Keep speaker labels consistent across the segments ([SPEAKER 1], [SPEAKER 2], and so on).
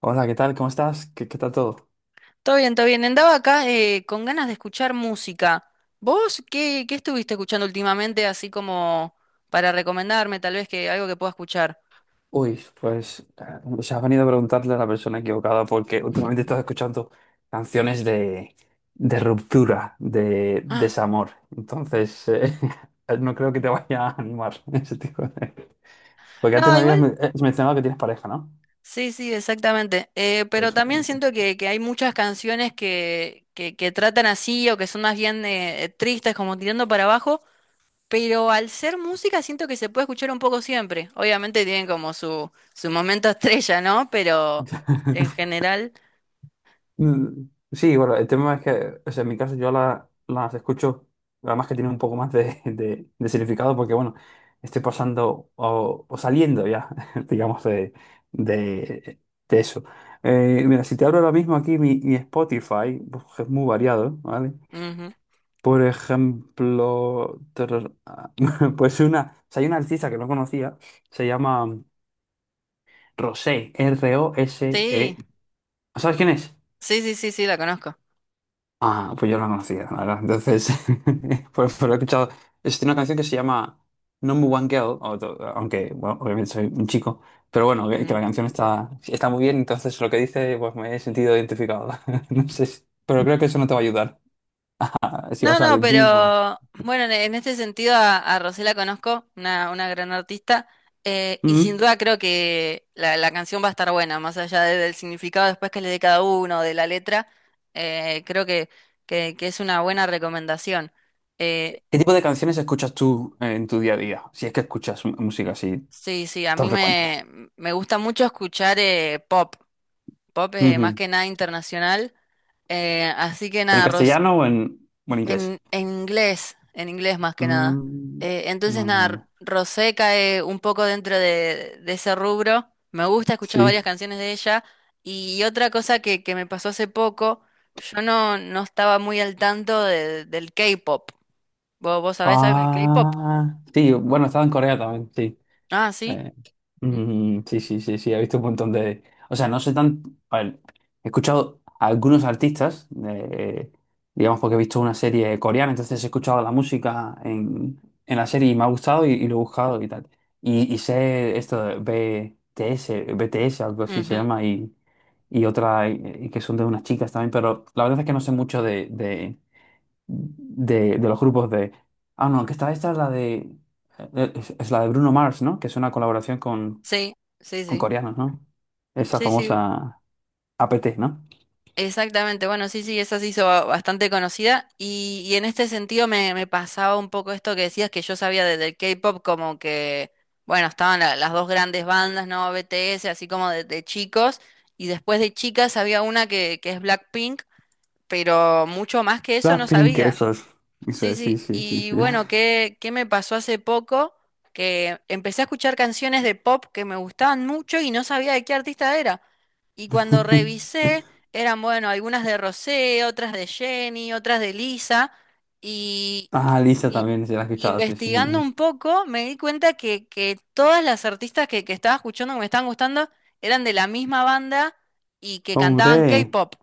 [SPEAKER 1] Hola, ¿qué tal? ¿Cómo estás? ¿Qué tal todo?
[SPEAKER 2] Todo bien, todo bien. Andaba acá, con ganas de escuchar música. ¿Vos qué estuviste escuchando últimamente, así como para recomendarme, tal vez que algo que pueda escuchar?
[SPEAKER 1] Uy, pues se has venido a preguntarle a la persona equivocada porque últimamente estás escuchando canciones de ruptura, de
[SPEAKER 2] Ah,
[SPEAKER 1] desamor. Entonces, no creo que te vaya a animar ese tipo de... Porque antes
[SPEAKER 2] no,
[SPEAKER 1] me habías
[SPEAKER 2] igual.
[SPEAKER 1] mencionado que tienes pareja, ¿no?
[SPEAKER 2] Sí, sí, exactamente. Pero
[SPEAKER 1] Pues
[SPEAKER 2] también
[SPEAKER 1] bueno.
[SPEAKER 2] siento que hay muchas canciones que tratan así o que son más bien tristes, como tirando para abajo. Pero al ser música siento que se puede escuchar un poco siempre. Obviamente tienen como su momento estrella, ¿no? Pero en general...
[SPEAKER 1] Mm, sí, bueno, el tema es que, o sea, en mi caso yo las escucho, además que tiene un poco más de, de significado, porque bueno, estoy pasando o saliendo ya, digamos, de, de eso. Mira, si te abro ahora mismo aquí mi Spotify, pues, es muy variado, ¿vale?
[SPEAKER 2] Ujú.
[SPEAKER 1] Por ejemplo, pues una, o sea, hay una artista que no conocía, se llama Rosé,
[SPEAKER 2] Sí.
[SPEAKER 1] R-O-S-E. ¿Sabes quién es?
[SPEAKER 2] Sí, sí, sí, sí, la conozco.
[SPEAKER 1] Ah, pues yo no la conocía, la verdad. Entonces, pues, pero he escuchado. Es una canción que se llama Number One Girl, o aunque, bueno, obviamente soy un chico, pero bueno, que
[SPEAKER 2] Ujú.
[SPEAKER 1] la canción está, está muy bien, entonces lo que dice, pues me he sentido identificado. No sé, pero creo que eso no te va a ayudar. Ah, ¿si
[SPEAKER 2] No,
[SPEAKER 1] vas
[SPEAKER 2] no,
[SPEAKER 1] al gym o...?
[SPEAKER 2] pero bueno, en este sentido a Rosé la conozco, una gran artista, y sin
[SPEAKER 1] Mm.
[SPEAKER 2] duda creo que la canción va a estar buena, más allá de- del significado después que le dé cada uno, de la letra. Creo que es una buena recomendación. Eh,
[SPEAKER 1] ¿Qué tipo de canciones escuchas tú en tu día a día? Si es que escuchas música así
[SPEAKER 2] sí, sí, a
[SPEAKER 1] tan
[SPEAKER 2] mí
[SPEAKER 1] frecuente.
[SPEAKER 2] me, me gusta mucho escuchar, pop, pop, más
[SPEAKER 1] Ujú.
[SPEAKER 2] que nada internacional, así que
[SPEAKER 1] ¿Pero en
[SPEAKER 2] nada,
[SPEAKER 1] castellano o o en inglés?
[SPEAKER 2] en, en inglés más que nada.
[SPEAKER 1] Mm,
[SPEAKER 2] Entonces,
[SPEAKER 1] vale,
[SPEAKER 2] nada,
[SPEAKER 1] vale.
[SPEAKER 2] Rosé cae un poco dentro de ese rubro. Me gusta escuchar
[SPEAKER 1] Sí.
[SPEAKER 2] varias canciones de ella. Y otra cosa que me pasó hace poco, yo no estaba muy al tanto de- del K-pop. ¿Vos sabés algo del K-pop?
[SPEAKER 1] Ah, sí, bueno, estaba en Corea también, sí.
[SPEAKER 2] Ah, sí.
[SPEAKER 1] Eh,
[SPEAKER 2] Mm,
[SPEAKER 1] sí, sí, sí, sí, he visto un montón de... O sea, no sé tan... A ver, he escuchado a algunos artistas, digamos porque he visto una serie coreana, entonces he escuchado la música en la serie y me ha gustado y lo he buscado y tal. Y sé esto de BTS, BTS, algo así se
[SPEAKER 2] ujú.
[SPEAKER 1] llama, y otra, y que son de unas chicas también, pero la verdad es que no sé mucho de de los grupos de... Ah, no, que esta es la de... es la de Bruno Mars, ¿no? Que es una colaboración
[SPEAKER 2] Sí, sí,
[SPEAKER 1] con
[SPEAKER 2] sí.
[SPEAKER 1] coreanos, ¿no? Esa
[SPEAKER 2] Sí, sí,
[SPEAKER 1] famosa APT, ¿no?
[SPEAKER 2] exactamente, bueno, sí, sí, esa se hizo ba- bastante conocida y en este sentido me pasaba un poco esto que decías, que yo sabía de- del K-pop como que, bueno, estaban la- las dos grandes bandas, ¿no? BTS, así como de chicos, y después de chicas había una que es Blackpink, pero mucho más que eso no
[SPEAKER 1] Blackpink,
[SPEAKER 2] sabía.
[SPEAKER 1] esos. Eso
[SPEAKER 2] Sí,
[SPEAKER 1] es, sí,
[SPEAKER 2] sí.
[SPEAKER 1] sí, sí,
[SPEAKER 2] Y
[SPEAKER 1] sí.
[SPEAKER 2] bueno, ¿qué me pasó hace poco? Que empecé a escuchar canciones de pop que me gustaban mucho y no sabía de qué artista era. Y cuando revisé, eran, bueno, algunas de Rosé, otras de Jenny, otras de Lisa. Y,
[SPEAKER 1] Ah, Lisa
[SPEAKER 2] y-
[SPEAKER 1] también, se la he
[SPEAKER 2] y
[SPEAKER 1] escuchado, sí, sí.
[SPEAKER 2] investigando un poco, me di cuenta que todas las artistas que estaba escuchando, que me estaban gustando, eran de la misma banda y que cantaban
[SPEAKER 1] ¡Hombre!
[SPEAKER 2] K-pop.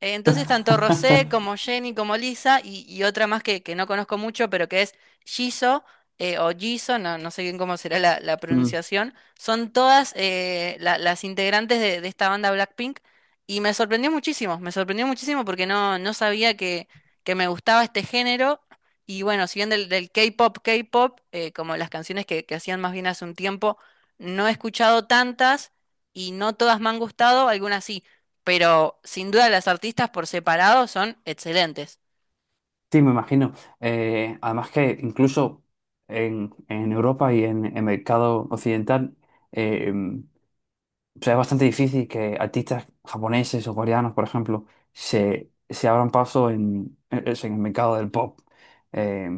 [SPEAKER 2] Entonces, tanto Rosé como Jenny como Lisa y otra más que no conozco mucho, pero que es Jisoo, o Jisoo, no sé bien cómo será la
[SPEAKER 1] Mm.
[SPEAKER 2] pronunciación, son todas, la- las integrantes de esta banda Blackpink, y me sorprendió muchísimo porque no sabía que me gustaba este género. Y bueno, si bien del, del K-pop, K-pop, como las canciones que hacían más bien hace un tiempo, no he escuchado tantas, y no todas me han gustado, algunas sí, pero sin duda las artistas por separado son excelentes.
[SPEAKER 1] Sí, me imagino. Además que incluso en Europa y en el mercado occidental eh, o sea, es bastante difícil que artistas japoneses o coreanos, por ejemplo, se abran paso en el mercado del pop eh,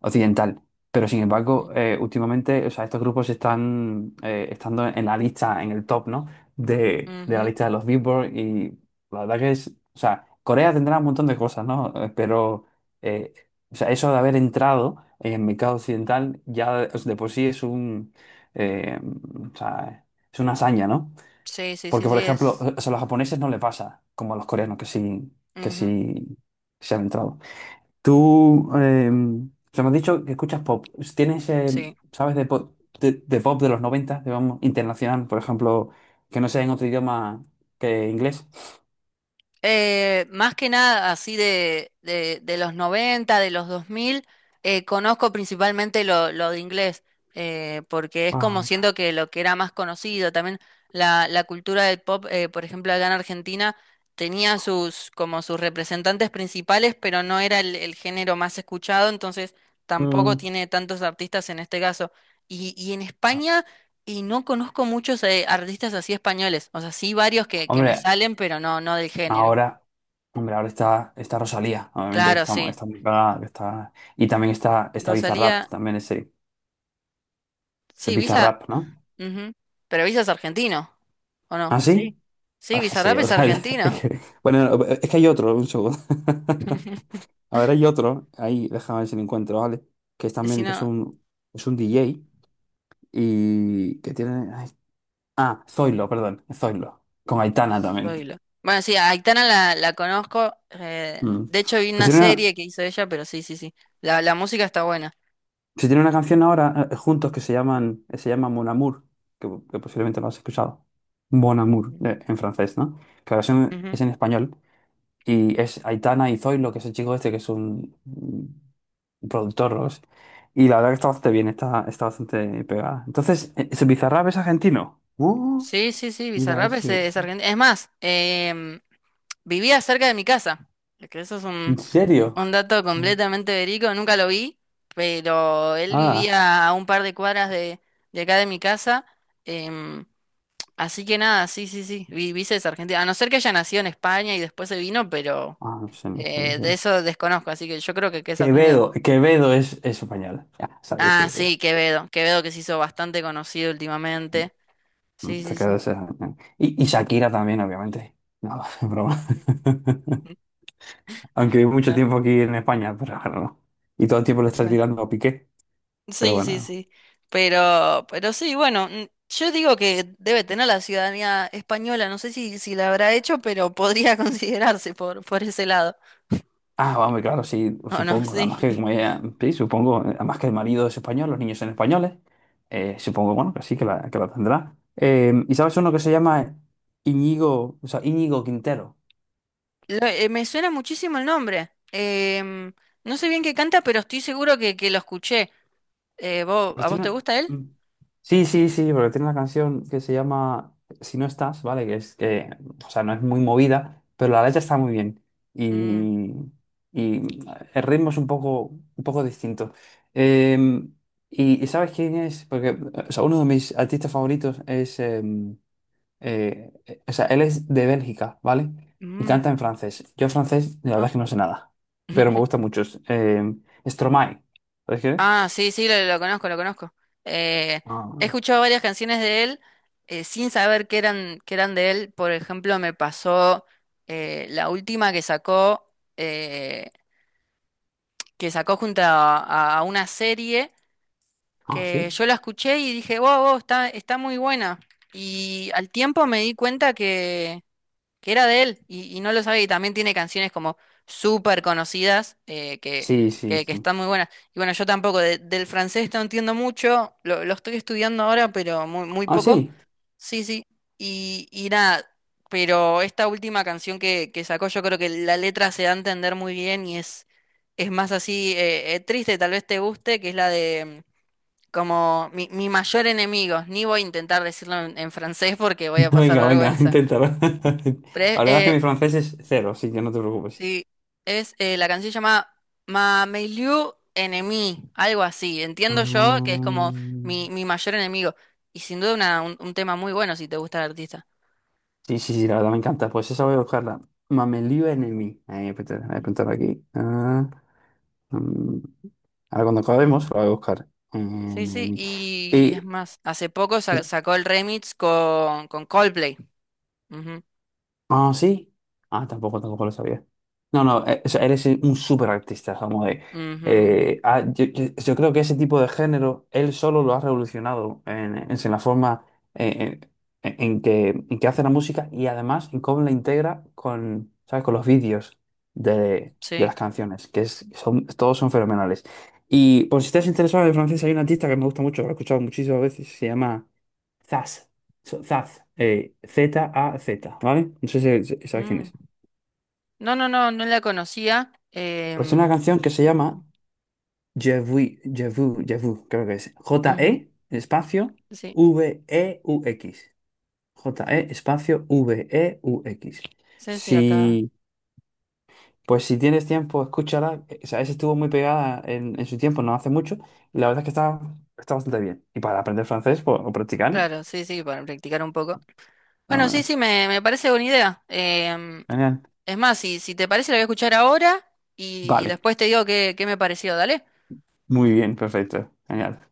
[SPEAKER 1] occidental. Pero sin
[SPEAKER 2] Mm.
[SPEAKER 1] embargo, últimamente, o sea, estos grupos están estando en la lista, en el top, ¿no? De la
[SPEAKER 2] Ujú.
[SPEAKER 1] lista de los Billboard y la verdad que es, o sea, Corea tendrá un montón de cosas, ¿no? Pero, eh, o sea, eso de haber entrado en el mercado occidental ya de por sí es un, eh, o sea, es una hazaña, ¿no?
[SPEAKER 2] Sí, sí, sí,
[SPEAKER 1] Porque, por
[SPEAKER 2] sí,
[SPEAKER 1] ejemplo,
[SPEAKER 2] es.
[SPEAKER 1] o sea, a los japoneses no le pasa, como a los coreanos, que
[SPEAKER 2] Ujú.
[SPEAKER 1] sí se han entrado. Tú, o sea, me has dicho que escuchas pop. ¿Tienes,
[SPEAKER 2] Sí.
[SPEAKER 1] sabes, de pop de pop de los 90, digamos, internacional, por ejemplo, que no sea en otro idioma que inglés?
[SPEAKER 2] Más que nada así de los noventa, de los 2000, conozco principalmente lo de inglés, porque es como
[SPEAKER 1] Ay, ca-
[SPEAKER 2] siento que lo que era más conocido, también la cultura del pop, por ejemplo, acá en Argentina, tenía sus, como sus representantes principales, pero no era el género más escuchado, entonces tampoco
[SPEAKER 1] Mm,
[SPEAKER 2] tiene tantos artistas en este caso. Y en
[SPEAKER 1] ca-
[SPEAKER 2] España, y no conozco muchos, artistas así españoles, o sea, sí varios que me
[SPEAKER 1] Hombre,
[SPEAKER 2] salen, pero no, no del género.
[SPEAKER 1] ahora, hombre, ahora está, está Rosalía, obviamente, que
[SPEAKER 2] Claro,
[SPEAKER 1] está,
[SPEAKER 2] sí.
[SPEAKER 1] está muy pegada, que está, y también está, está Bizarrap,
[SPEAKER 2] Rosalía,
[SPEAKER 1] también ese
[SPEAKER 2] sí, Visa,
[SPEAKER 1] Bizarrap, ¿no?
[SPEAKER 2] ujú. Pero Visa es argentino, ¿o
[SPEAKER 1] ¿Ah,
[SPEAKER 2] no? Sí.
[SPEAKER 1] sí?
[SPEAKER 2] Sí,
[SPEAKER 1] Ah, qué sé
[SPEAKER 2] Bizarrap
[SPEAKER 1] yo.
[SPEAKER 2] es argentino.
[SPEAKER 1] Bueno, no, es que hay otro, un segundo. A ver, hay otro, ahí, déjame ver si lo encuentro, ¿vale? Que es
[SPEAKER 2] Y si
[SPEAKER 1] también,
[SPEAKER 2] no,
[SPEAKER 1] es un DJ y que tiene... Ay, ah, Zoilo, perdón, Zoilo, con Aitana también.
[SPEAKER 2] oílo. Bueno, sí, a Aitana la conozco,
[SPEAKER 1] Mm.
[SPEAKER 2] de hecho, vi
[SPEAKER 1] Pues
[SPEAKER 2] una
[SPEAKER 1] tiene una,
[SPEAKER 2] serie que hizo ella, pero sí, sí, sí. La música está buena.
[SPEAKER 1] si tiene una canción ahora juntos que se llaman, se llama Mon Amour, que posiblemente lo has escuchado. Bon Amour, en francés, ¿no? Que la versión
[SPEAKER 2] Ujú.
[SPEAKER 1] es en español. Y es Aitana y Zoilo, que es el chico este, un productor, ¿no? Y la verdad que está bastante bien, está, está bastante pegada. Entonces, ¿ese Bizarrap es argentino?
[SPEAKER 2] Sí, sí, sí,
[SPEAKER 1] Mira
[SPEAKER 2] Bizarrap
[SPEAKER 1] ese.
[SPEAKER 2] es argentino. Es más, vivía cerca de mi casa. Que eso es
[SPEAKER 1] ¿En
[SPEAKER 2] un,
[SPEAKER 1] serio?
[SPEAKER 2] Un dato completamente verico, nunca lo vi, pero él
[SPEAKER 1] Ah,
[SPEAKER 2] vivía a un par de cuadras de acá de mi casa. em, Así que nada, sí, sí, sí, vi, vi esa Argentina. A no ser que haya nacido en España y después se vino, pero,
[SPEAKER 1] no sé, no sé, no sé.
[SPEAKER 2] de eso desconozco, así que yo creo que es argentino.
[SPEAKER 1] Quevedo, Quevedo es español. Ya, sabía eso.
[SPEAKER 2] Ah, sí, Quevedo, Quevedo que se hizo bastante conocido últimamente. Sí,
[SPEAKER 1] Te
[SPEAKER 2] sí, sí.
[SPEAKER 1] quedas, y Shakira también, obviamente. No, es broma. Aunque vivo mucho tiempo aquí en España, pero bueno. No. Y todo el
[SPEAKER 2] Ujú.
[SPEAKER 1] tiempo le estás
[SPEAKER 2] ¿No?
[SPEAKER 1] tirando a Piqué, pero
[SPEAKER 2] Sí, sí,
[SPEAKER 1] bueno.
[SPEAKER 2] sí. Pero sí, bueno, yo digo que debe tener la ciudadanía española, no sé si, si la habrá hecho, pero podría considerarse por ese lado.
[SPEAKER 1] Ah, vamos, claro, sí,
[SPEAKER 2] ¿O no?
[SPEAKER 1] supongo.
[SPEAKER 2] Sí.
[SPEAKER 1] Además que, como ella, sí, supongo, además que el marido es español, los niños son españoles, supongo, bueno, que sí, que la tendrá. ¿Y sabes uno que se llama Íñigo, o sea, Íñigo Quintero?
[SPEAKER 2] Me suena muchísimo el nombre. No sé bien qué canta, pero estoy seguro que lo escuché.
[SPEAKER 1] Pues
[SPEAKER 2] ¿A vos te
[SPEAKER 1] tiene-
[SPEAKER 2] gusta él?
[SPEAKER 1] mm, Sí, sí, sí, porque tiene una canción que se llama Si no estás, ¿vale? Que es que, o sea, no es muy movida, pero la letra está muy bien.
[SPEAKER 2] Mm,
[SPEAKER 1] Y, y el ritmo es un poco distinto. Eh, y ¿sabes quién es? Porque, o sea, uno de mis artistas favoritos es, o sea, él es de Bélgica, ¿vale? Y
[SPEAKER 2] mm,
[SPEAKER 1] canta en francés. Yo francés, la verdad
[SPEAKER 2] no.
[SPEAKER 1] es que no sé nada, pero me gusta mucho. Stromae, ¿sabes quién
[SPEAKER 2] Ah,
[SPEAKER 1] es?
[SPEAKER 2] sí, sí, lo conozco, lo conozco. Eh, He
[SPEAKER 1] Ah,
[SPEAKER 2] escuchado varias canciones de él, sin saber que eran de él. Por ejemplo, me pasó, la última eh, que sacó junto a una serie que
[SPEAKER 1] sí.
[SPEAKER 2] yo la escuché y dije, wow, wow, está, está muy buena. Y al tiempo me di cuenta que era de él y no lo sabía. Y también tiene canciones como súper conocidas,
[SPEAKER 1] Sí, sí,
[SPEAKER 2] que
[SPEAKER 1] sí.
[SPEAKER 2] están muy buenas. Y bueno, yo tampoco de- del francés no entiendo mucho, lo estoy estudiando ahora, pero muy, muy
[SPEAKER 1] Ah,
[SPEAKER 2] poco.
[SPEAKER 1] sí.
[SPEAKER 2] Sí, sí. Y nada, pero esta última canción que sacó, yo creo que la letra se da a entender muy bien y es más así, triste, tal vez te guste, que es la de. Como mi mayor enemigo, ni voy a intentar decirlo en francés porque voy a pasar
[SPEAKER 1] Venga, venga,
[SPEAKER 2] vergüenza.
[SPEAKER 1] inténtalo. La verdad es que
[SPEAKER 2] Pero
[SPEAKER 1] mi francés es cero, así que no te preocupes.
[SPEAKER 2] sí, es, la canción se llama Mameiliu Enemy, algo así. Entiendo yo que es como
[SPEAKER 1] Mm,
[SPEAKER 2] mi mayor enemigo. Y sin duda una- un tema muy bueno si te gusta el artista.
[SPEAKER 1] sí, sí, sí, la verdad me encanta. Pues esa voy a buscarla. Mamelio Enemy. Ahí voy a apuntar
[SPEAKER 2] Ujú.
[SPEAKER 1] aquí. Mm, Ahora cuando
[SPEAKER 2] Sí,
[SPEAKER 1] acabemos,
[SPEAKER 2] sí.
[SPEAKER 1] la voy a buscar.
[SPEAKER 2] Sí, sí,
[SPEAKER 1] Enemy.
[SPEAKER 2] y es
[SPEAKER 1] Y
[SPEAKER 2] más, hace poco sa- sacó el remix con Coldplay. Ujú,
[SPEAKER 1] ah, sí. Ah, tampoco, tampoco lo sabía. No, no, o sea, eres un súper artista, como de.
[SPEAKER 2] ujú, ujú.
[SPEAKER 1] Yo creo que ese tipo de género, él solo lo ha revolucionado en la forma eh, en que hace la música y además en cómo la integra con, ¿sabes? Con los vídeos de
[SPEAKER 2] Sí.
[SPEAKER 1] las canciones, que es, son, todos son fenomenales. Y por si estás interesado en francés, hay un artista que me gusta mucho, lo he escuchado muchísimas veces, se llama Zaz. Zaz. Eh, Z-A-Z, ¿vale? No sé sabes quién
[SPEAKER 2] Mm.
[SPEAKER 1] es.
[SPEAKER 2] No, no, no, no la conocía.
[SPEAKER 1] Pues es una canción que se llama Je vu, Je vu, creo que es.
[SPEAKER 2] Ujú.
[SPEAKER 1] J-E, espacio,
[SPEAKER 2] Sí,
[SPEAKER 1] V-E-U-X. J-E, espacio, V-E-U-X.
[SPEAKER 2] sí, sí, acá.
[SPEAKER 1] Si, pues si tienes tiempo, escúchala. O sea, esa estuvo muy pegada en su tiempo, no hace mucho. Y la verdad es que está, está bastante bien. Y para aprender francés, pues, o practicar,
[SPEAKER 2] Claro, sí, sí, para practicar un poco.
[SPEAKER 1] no,
[SPEAKER 2] Bueno, sí,
[SPEAKER 1] bueno,
[SPEAKER 2] sí, me parece buena idea.
[SPEAKER 1] genial.
[SPEAKER 2] Es más, si, si te parece, la voy a escuchar ahora y
[SPEAKER 1] Vale,
[SPEAKER 2] después te digo qué, qué me pareció, dale.
[SPEAKER 1] muy bien, perfecto, genial.